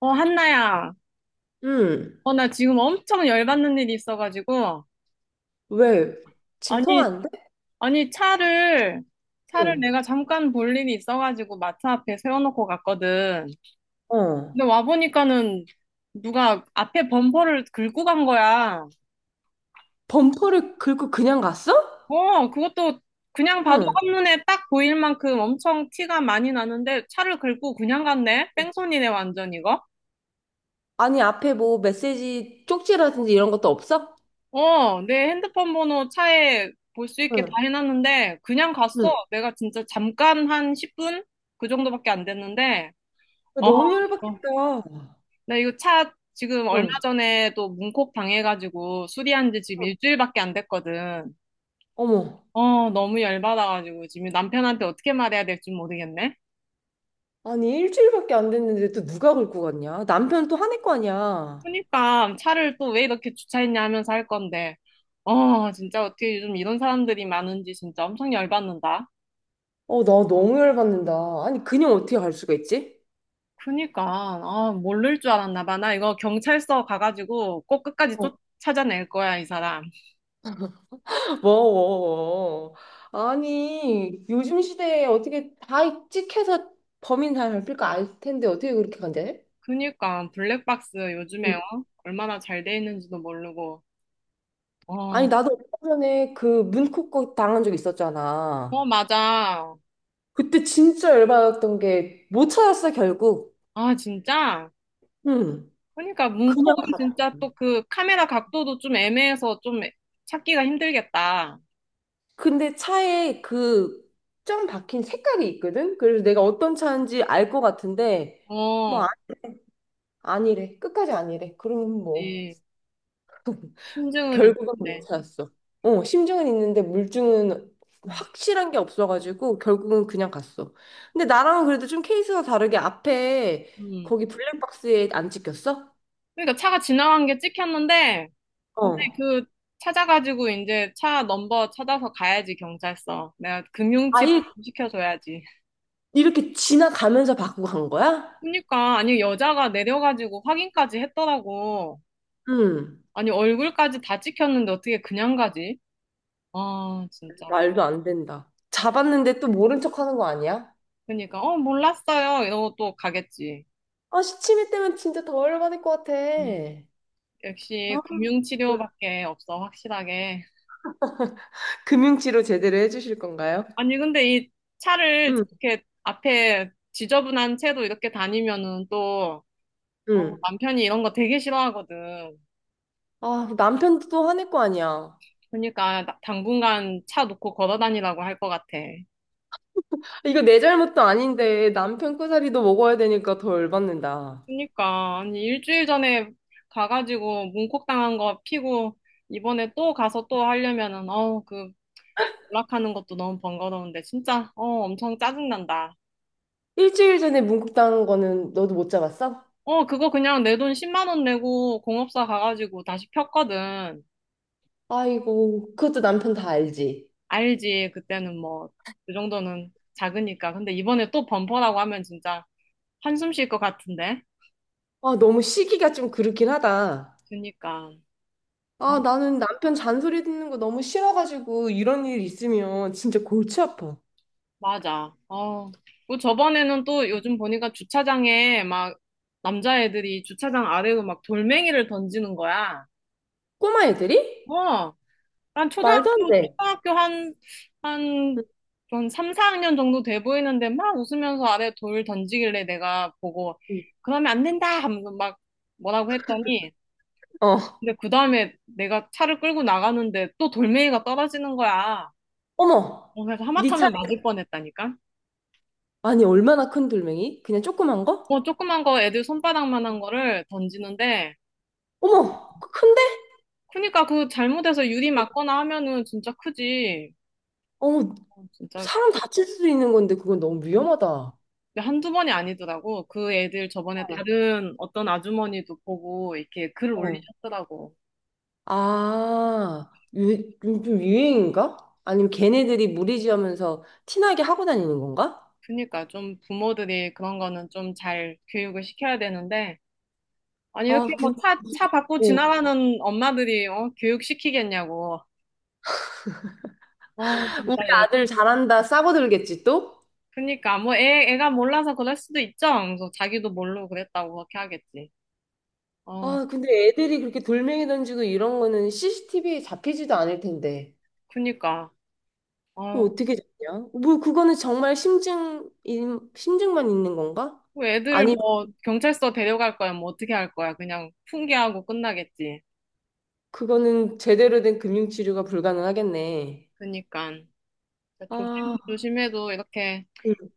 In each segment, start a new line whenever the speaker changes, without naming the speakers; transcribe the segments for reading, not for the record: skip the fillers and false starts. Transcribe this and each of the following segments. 어, 한나야.
응.
어, 나 지금 엄청 열받는 일이 있어가지고.
왜? 지금
아니,
통화 안 돼?
아니, 차를
응.
내가 잠깐 볼 일이 있어가지고 마트 앞에 세워놓고 갔거든.
어.
근데 와보니까는 누가 앞에 범퍼를 긁고 간 거야.
범퍼를 긁고 그냥 갔어?
어, 그것도 그냥 봐도
응.
한눈에 딱 보일 만큼 엄청 티가 많이 나는데 차를 긁고 그냥 갔네? 뺑소니네, 완전 이거?
아니, 앞에 뭐 메시지 쪽지라든지 이런 것도 없어?
어, 내 핸드폰 번호 차에 볼 수 있게 다
응.
해놨는데, 그냥
응.
갔어. 내가 진짜 잠깐 한 10분? 그 정도밖에 안 됐는데, 어,
너무
이거.
열받겠다.
나 이거 차 지금 얼마
응.
전에 또 문콕 당해가지고 수리한 지 지금 일주일밖에 안 됐거든.
어머.
어, 너무 열받아가지고 지금 남편한테 어떻게 말해야 될지 모르겠네.
아니, 일주일밖에 안 됐는데 또 누가 긁고 갔냐? 남편 또 화낼 거 아니야.
그러니까 차를 또 왜 이렇게 주차했냐 하면서 할 건데, 어, 진짜 어떻게 요즘 이런 사람들이 많은지 진짜 엄청 열받는다.
어, 나 너무 열받는다. 아니, 그냥 어떻게 갈 수가 있지?
그니까 아 모를 줄 알았나 봐. 나 이거 경찰서 가가지고 꼭 끝까지 쫓 찾아낼 거야 이 사람.
뭐, 아니, 요즘 시대에 어떻게 다 찍혀서 범인 다 잡힐 거 알 텐데 어떻게 그렇게 간대?
그니까 블랙박스 요즘에
응.
어? 얼마나 잘 돼 있는지도 모르고. 어,
아니, 나도 얼마 전에 그 문콕 거 당한 적
어
있었잖아.
맞아.
그때 진짜 열받았던 게 못 찾았어, 결국.
아 진짜.
응.
그니까
그냥,
문콕은 진짜 또 그 카메라 각도도 좀 애매해서 좀 찾기가 힘들겠다.
근데 차에 그 점 박힌 색깔이 있거든? 그래서 내가 어떤 차인지 알 것 같은데, 뭐,
어,
아, 아니래. 끝까지 아니래. 그러면 뭐.
이 심증은
결국은 못
있는데.
찾았어. 어, 심증은 있는데 물증은
음.
확실한 게 없어가지고 결국은 그냥 갔어. 근데 나랑은 그래도 좀 케이스가 다르게 앞에
음.
거기 블랙박스에 안 찍혔어?
그러니까 차가 지나간 게 찍혔는데. 이제
어.
그 찾아가지고 이제 차 넘버 찾아서 가야지 경찰서. 내가 금융칩
아예
좀 시켜줘야지.
이렇게 지나가면서 받고 간 거야?
그러니까 아니 여자가 내려가지고 확인까지 했더라고.
응.
아니 얼굴까지 다 찍혔는데 어떻게 그냥 가지? 아 진짜.
말도 안 된다. 잡았는데 또 모른 척 하는 거 아니야?
그러니까 어 몰랐어요 이러고 또 가겠지.
아, 시치미 때문에 진짜 더 열받을 것 같아.
음, 역시
아, 응.
금융치료밖에 없어 확실하게.
금융치료 제대로 해주실 건가요?
아니 근데 이 차를
응,
이렇게 앞에 지저분한 채로 이렇게 다니면은 또 어,
응.
남편이 이런 거 되게 싫어하거든.
아, 남편도 또 화낼 거 아니야.
그러니까 당분간 차 놓고 걸어 다니라고 할 것 같아.
이거 내 잘못도 아닌데 남편 꼬사리도 먹어야 되니까 더 열받는다.
그러니까 아니 일주일 전에 가가지고 문콕 당한 거 피고 이번에 또 가서 또 하려면은 어그 연락하는 것도 너무 번거로운데 진짜 어 엄청 짜증난다.
일주일 전에 문국당한 거는 너도 못 잡았어?
어 그거 그냥 내 돈 10만 원 내고 공업사 가가지고 다시 폈거든.
아이고, 그것도 남편 다 알지.
알지 그때는 뭐 그 정도는 작으니까. 근데 이번에 또 범퍼라고 하면 진짜 한숨 쉴 것 같은데.
아, 너무 시기가 좀 그렇긴 하다.
그러니까. 어.
아, 나는 남편 잔소리 듣는 거 너무 싫어가지고 이런 일 있으면 진짜 골치 아파.
맞아. 어. 그 저번에는 또 요즘 보니까 주차장에 막 남자애들이 주차장 아래로 막 돌멩이를 던지는 거야.
꼬마 애들이?
어. 난
말도 안
초등학교,
돼.
초등학교
응,
한, 한 3, 4학년 정도 돼 보이는데 막 웃으면서 아래 돌 던지길래 내가 보고
응.
그러면 안 된다 하면서 막 뭐라고 했더니
어,
근데 그 다음에 내가 차를 끌고 나가는데 또 돌멩이가 떨어지는 거야.
어머,
어, 그래서
니 차.
하마터면 맞을 뻔했다니까.
아니, 얼마나 큰 돌멩이? 그냥 조그만 거?
뭐 조그만 거 애들 손바닥만한 거를 던지는데
어머, 큰데?
그러니까 그 잘못해서 유리 맞거나 하면은 진짜 크지.
어머,
어, 진짜
사람 다칠 수도 있는 건데 그건 너무 위험하다.
한두 번이 아니더라고. 그 애들 저번에 다른 어떤 아주머니도 보고 이렇게 글을
어.
올리셨더라고.
아, 유, 요즘 유행인가? 아니면 걔네들이 무리지으면서 티나게 하고 다니는 건가?
그러니까 좀 부모들이 그런 거는 좀 잘 교육을 시켜야 되는데 아니
아,
이렇게 뭐
근데
차 받고
어,
지나가는 엄마들이 어, 교육시키겠냐고. 어,
우리
진짜 열.
아들 잘한다 싸워들겠지 또?
그러니까 뭐 애가 몰라서 그럴 수도 있죠. 그래서 자기도 모르고 그랬다고 그렇게 하겠지. 어,
아, 근데 애들이 그렇게 돌멩이 던지고 이런 거는 CCTV에 잡히지도 않을 텐데.
그니까.
뭐
어,
어떻게 잡냐? 뭐 그거는 정말 심증만 있는 건가?
그
아
애들을
니
뭐 경찰서 데려갈 거야? 뭐 어떻게 할 거야? 그냥 훈계하고 끝나겠지.
그거는 제대로 된 금융치료가 불가능하겠네.
그니까. 조심,
아,
조심해도 이렇게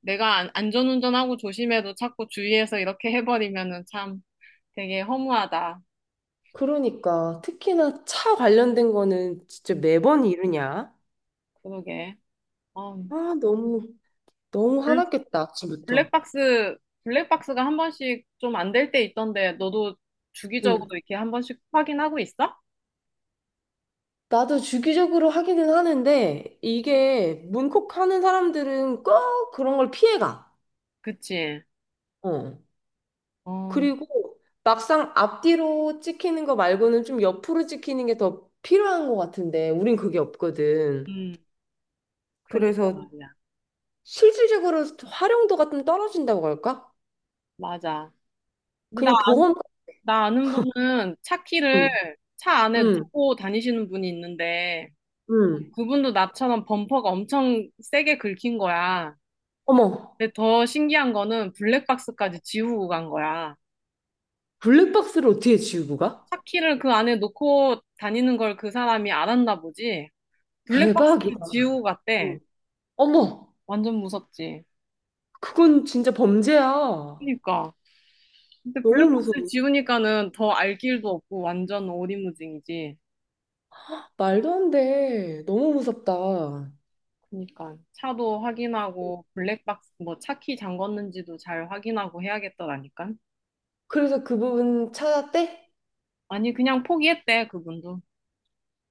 내가 안전운전하고 조심해도 자꾸 주위에서 이렇게 해버리면은 참 되게 허무하다.
그러니까 특히나 차 관련된 거는 진짜
음,
매번 이러냐?
그러게. 어,
아, 너무
블-
화났겠다, 아침부터.
블랙박스, 블랙박스가 한 번씩 좀 안 될 때 있던데 너도 주기적으로
응.
이렇게 한 번씩 확인하고 있어?
나도 주기적으로 하기는 하는데 이게 문콕하는 사람들은 꼭 그런 걸 피해가.
그치?
어.
어,
그리고 막상 앞뒤로 찍히는 거 말고는 좀 옆으로 찍히는 게 더 필요한 것 같은데 우린 그게 없거든.
음, 그니까
그래서
말이야.
실질적으로 활용도가 좀 떨어진다고 할까?
맞아. 근데
그냥 보험.
나 아는 분은
응,
차키를 차 안에
응,
놓고 다니시는 분이 있는데
응.
그분도 나처럼 범퍼가 엄청 세게 긁힌 거야.
어머.
근데 더 신기한 거는 블랙박스까지 지우고 간 거야.
블랙박스를 어떻게 지우고 가?
차키를 그 안에 놓고 다니는 걸 그 사람이 알았나 보지.
대박이다.
블랙박스를 지우고 갔대.
어. 어머,
완전 무섭지.
그건 진짜 범죄야.
그러니까. 근데
너무
블랙박스
무서워.
지우니까는 더 알 길도 없고 완전 오리무중이지.
말도 안 돼. 너무 무섭다.
그러니까 차도 확인하고 블랙박스 뭐 차키 잠궜는지도 잘 확인하고 해야겠더라니까.
그래서 그 부분 찾았대?
아니 그냥 포기했대 그분도.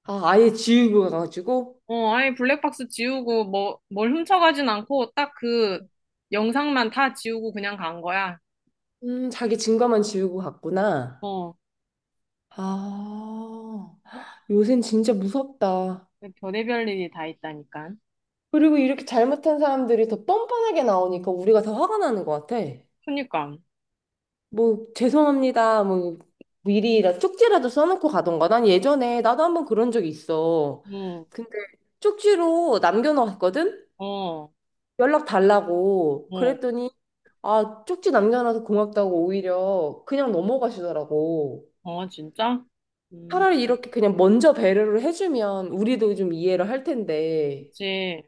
아, 아예 지우고 가가지고?
어 아니 블랙박스 지우고 뭐 뭘 훔쳐가진 않고 딱 그 영상만 다 지우고 그냥 간 거야.
자기 증거만 지우고 갔구나.
어
아, 요샌 진짜 무섭다.
별의별 일이 다 있다니까.
그리고 이렇게 잘못한 사람들이 더 뻔뻔하게 나오니까 우리가 더 화가 나는 것 같아.
그니까.
뭐 죄송합니다. 뭐 미리 쪽지라도 써놓고 가던가. 난 예전에 나도 한번 그런 적이 있어.
응.
근데 쪽지로 남겨놓았거든?
어.
연락 달라고.
어.
그랬더니 아 쪽지 남겨놔서 고맙다고 오히려 그냥 넘어가시더라고.
어 진짜? 음.
차라리 이렇게 그냥 먼저 배려를 해주면 우리도 좀 이해를 할 텐데
그치.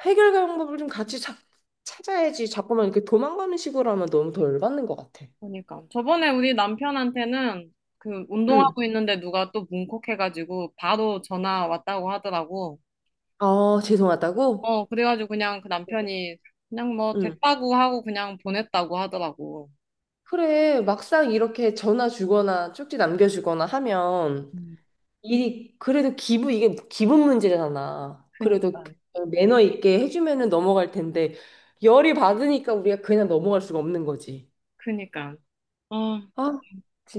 해결 방법을 좀 같이 찾아야지 자꾸만 이렇게 도망가는 식으로 하면 너무 덜 받는 것 같아.
그러니까 저번에 우리 남편한테는 그
응.
운동하고 있는데 누가 또 뭉콕해가지고 바로 전화 왔다고 하더라고.
아 죄송하다고?
어, 그래가지고 그냥 그 남편이 그냥 뭐
응.
됐다고 하고 그냥 보냈다고 하더라고.
그래, 막상 이렇게 전화 주거나 쪽지 남겨주거나 하면
음,
일이 그래도 기부 이게 기분 문제잖아. 그래도
그니까,
매너 있게 해주면은 넘어갈 텐데 열이 받으니까 우리가 그냥 넘어갈 수가 없는 거지.
그니까. 아,
아,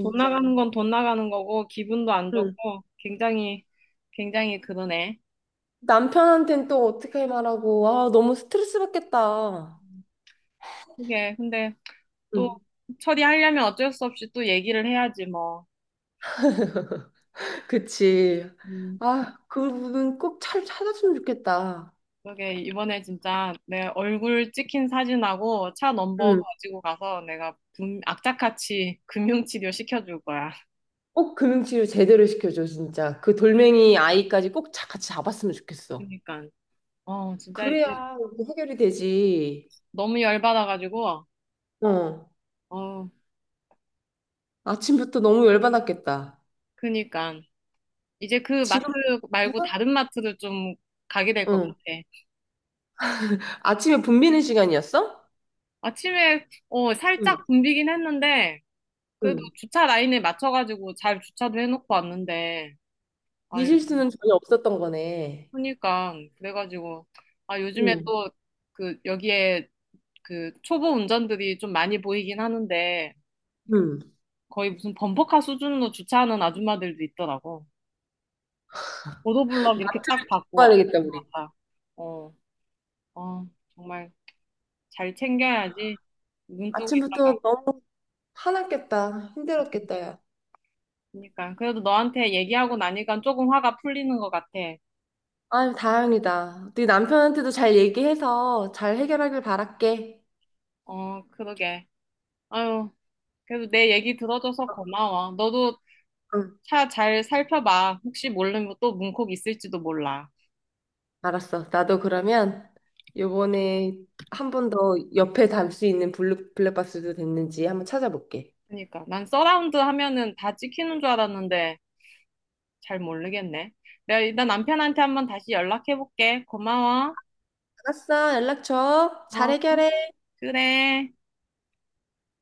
돈 나가는 건 돈 나가는 거고 기분도 안
응.
좋고 굉장히, 굉장히 그러네.
남편한텐 또 어떻게 말하고 아, 너무 스트레스 받겠다.
그게 근데 또
응.
처리하려면 어쩔 수 없이 또 얘기를 해야지 뭐.
그치. 아, 그분은 꼭 잘 찾았으면 좋겠다.
그러게 이번에 진짜 내 얼굴 찍힌 사진하고 차 넘버 가지고 가서 내가 악착같이 금융치료 시켜줄 거야.
꼭 금융치료 제대로 시켜줘, 진짜. 그 돌멩이 아이까지 꼭 같이 잡았으면 좋겠어.
그니까. 어, 진짜 이제
그래야 이거 해결이 되지.
너무 열받아가지고,
어.
어,
아침부터 너무 열받았겠다.
그니까. 이제 그 마트
지금,
말고 다른 마트를 좀 가게 될 것 같아.
응. 아침에 분비는 시간이었어?
아침에, 어,
응,
살짝 붐비긴 했는데, 그래도
응.
주차 라인에 맞춰가지고 잘 주차도 해놓고 왔는데,
네
아유,
실수는 전혀 없었던 거네.
그니까. 그래가지고, 아, 요즘에
응,
또 그 여기에 그 초보 운전들이 좀 많이 보이긴 하는데
응.
거의 무슨 범퍼카 수준으로 주차하는 아줌마들도 있더라고. 보도블럭 이렇게 딱
마트를
받고
가야 되겠다,
아줌마
우리.
같아. 어, 어, 정말 잘 챙겨야지. 눈 뜨고 있다가.
아침부터 너무 화났겠다. 힘들었겠다, 야.
그러니까 그래도 너한테 얘기하고 나니까 조금 화가 풀리는 것 같아.
아유, 다행이다. 네 남편한테도 잘 얘기해서 잘 해결하길 바랄게.
어, 그러게. 아유, 그래도 내 얘기 들어줘서 고마워. 너도
응.
차 잘 살펴봐. 혹시 모르면 또 문콕 있을지도 몰라.
알았어. 나도 그러면 요번에 한 번 더 옆에 달 수 있는 블루, 블랙박스도 됐는지 한번 찾아볼게.
그러니까 난 서라운드 하면은 다 찍히는 줄 알았는데 잘 모르겠네. 내가 일단 남편한테 한번 다시 연락해볼게. 고마워.
알았어. 연락 줘. 잘
어,
해결해.
그래.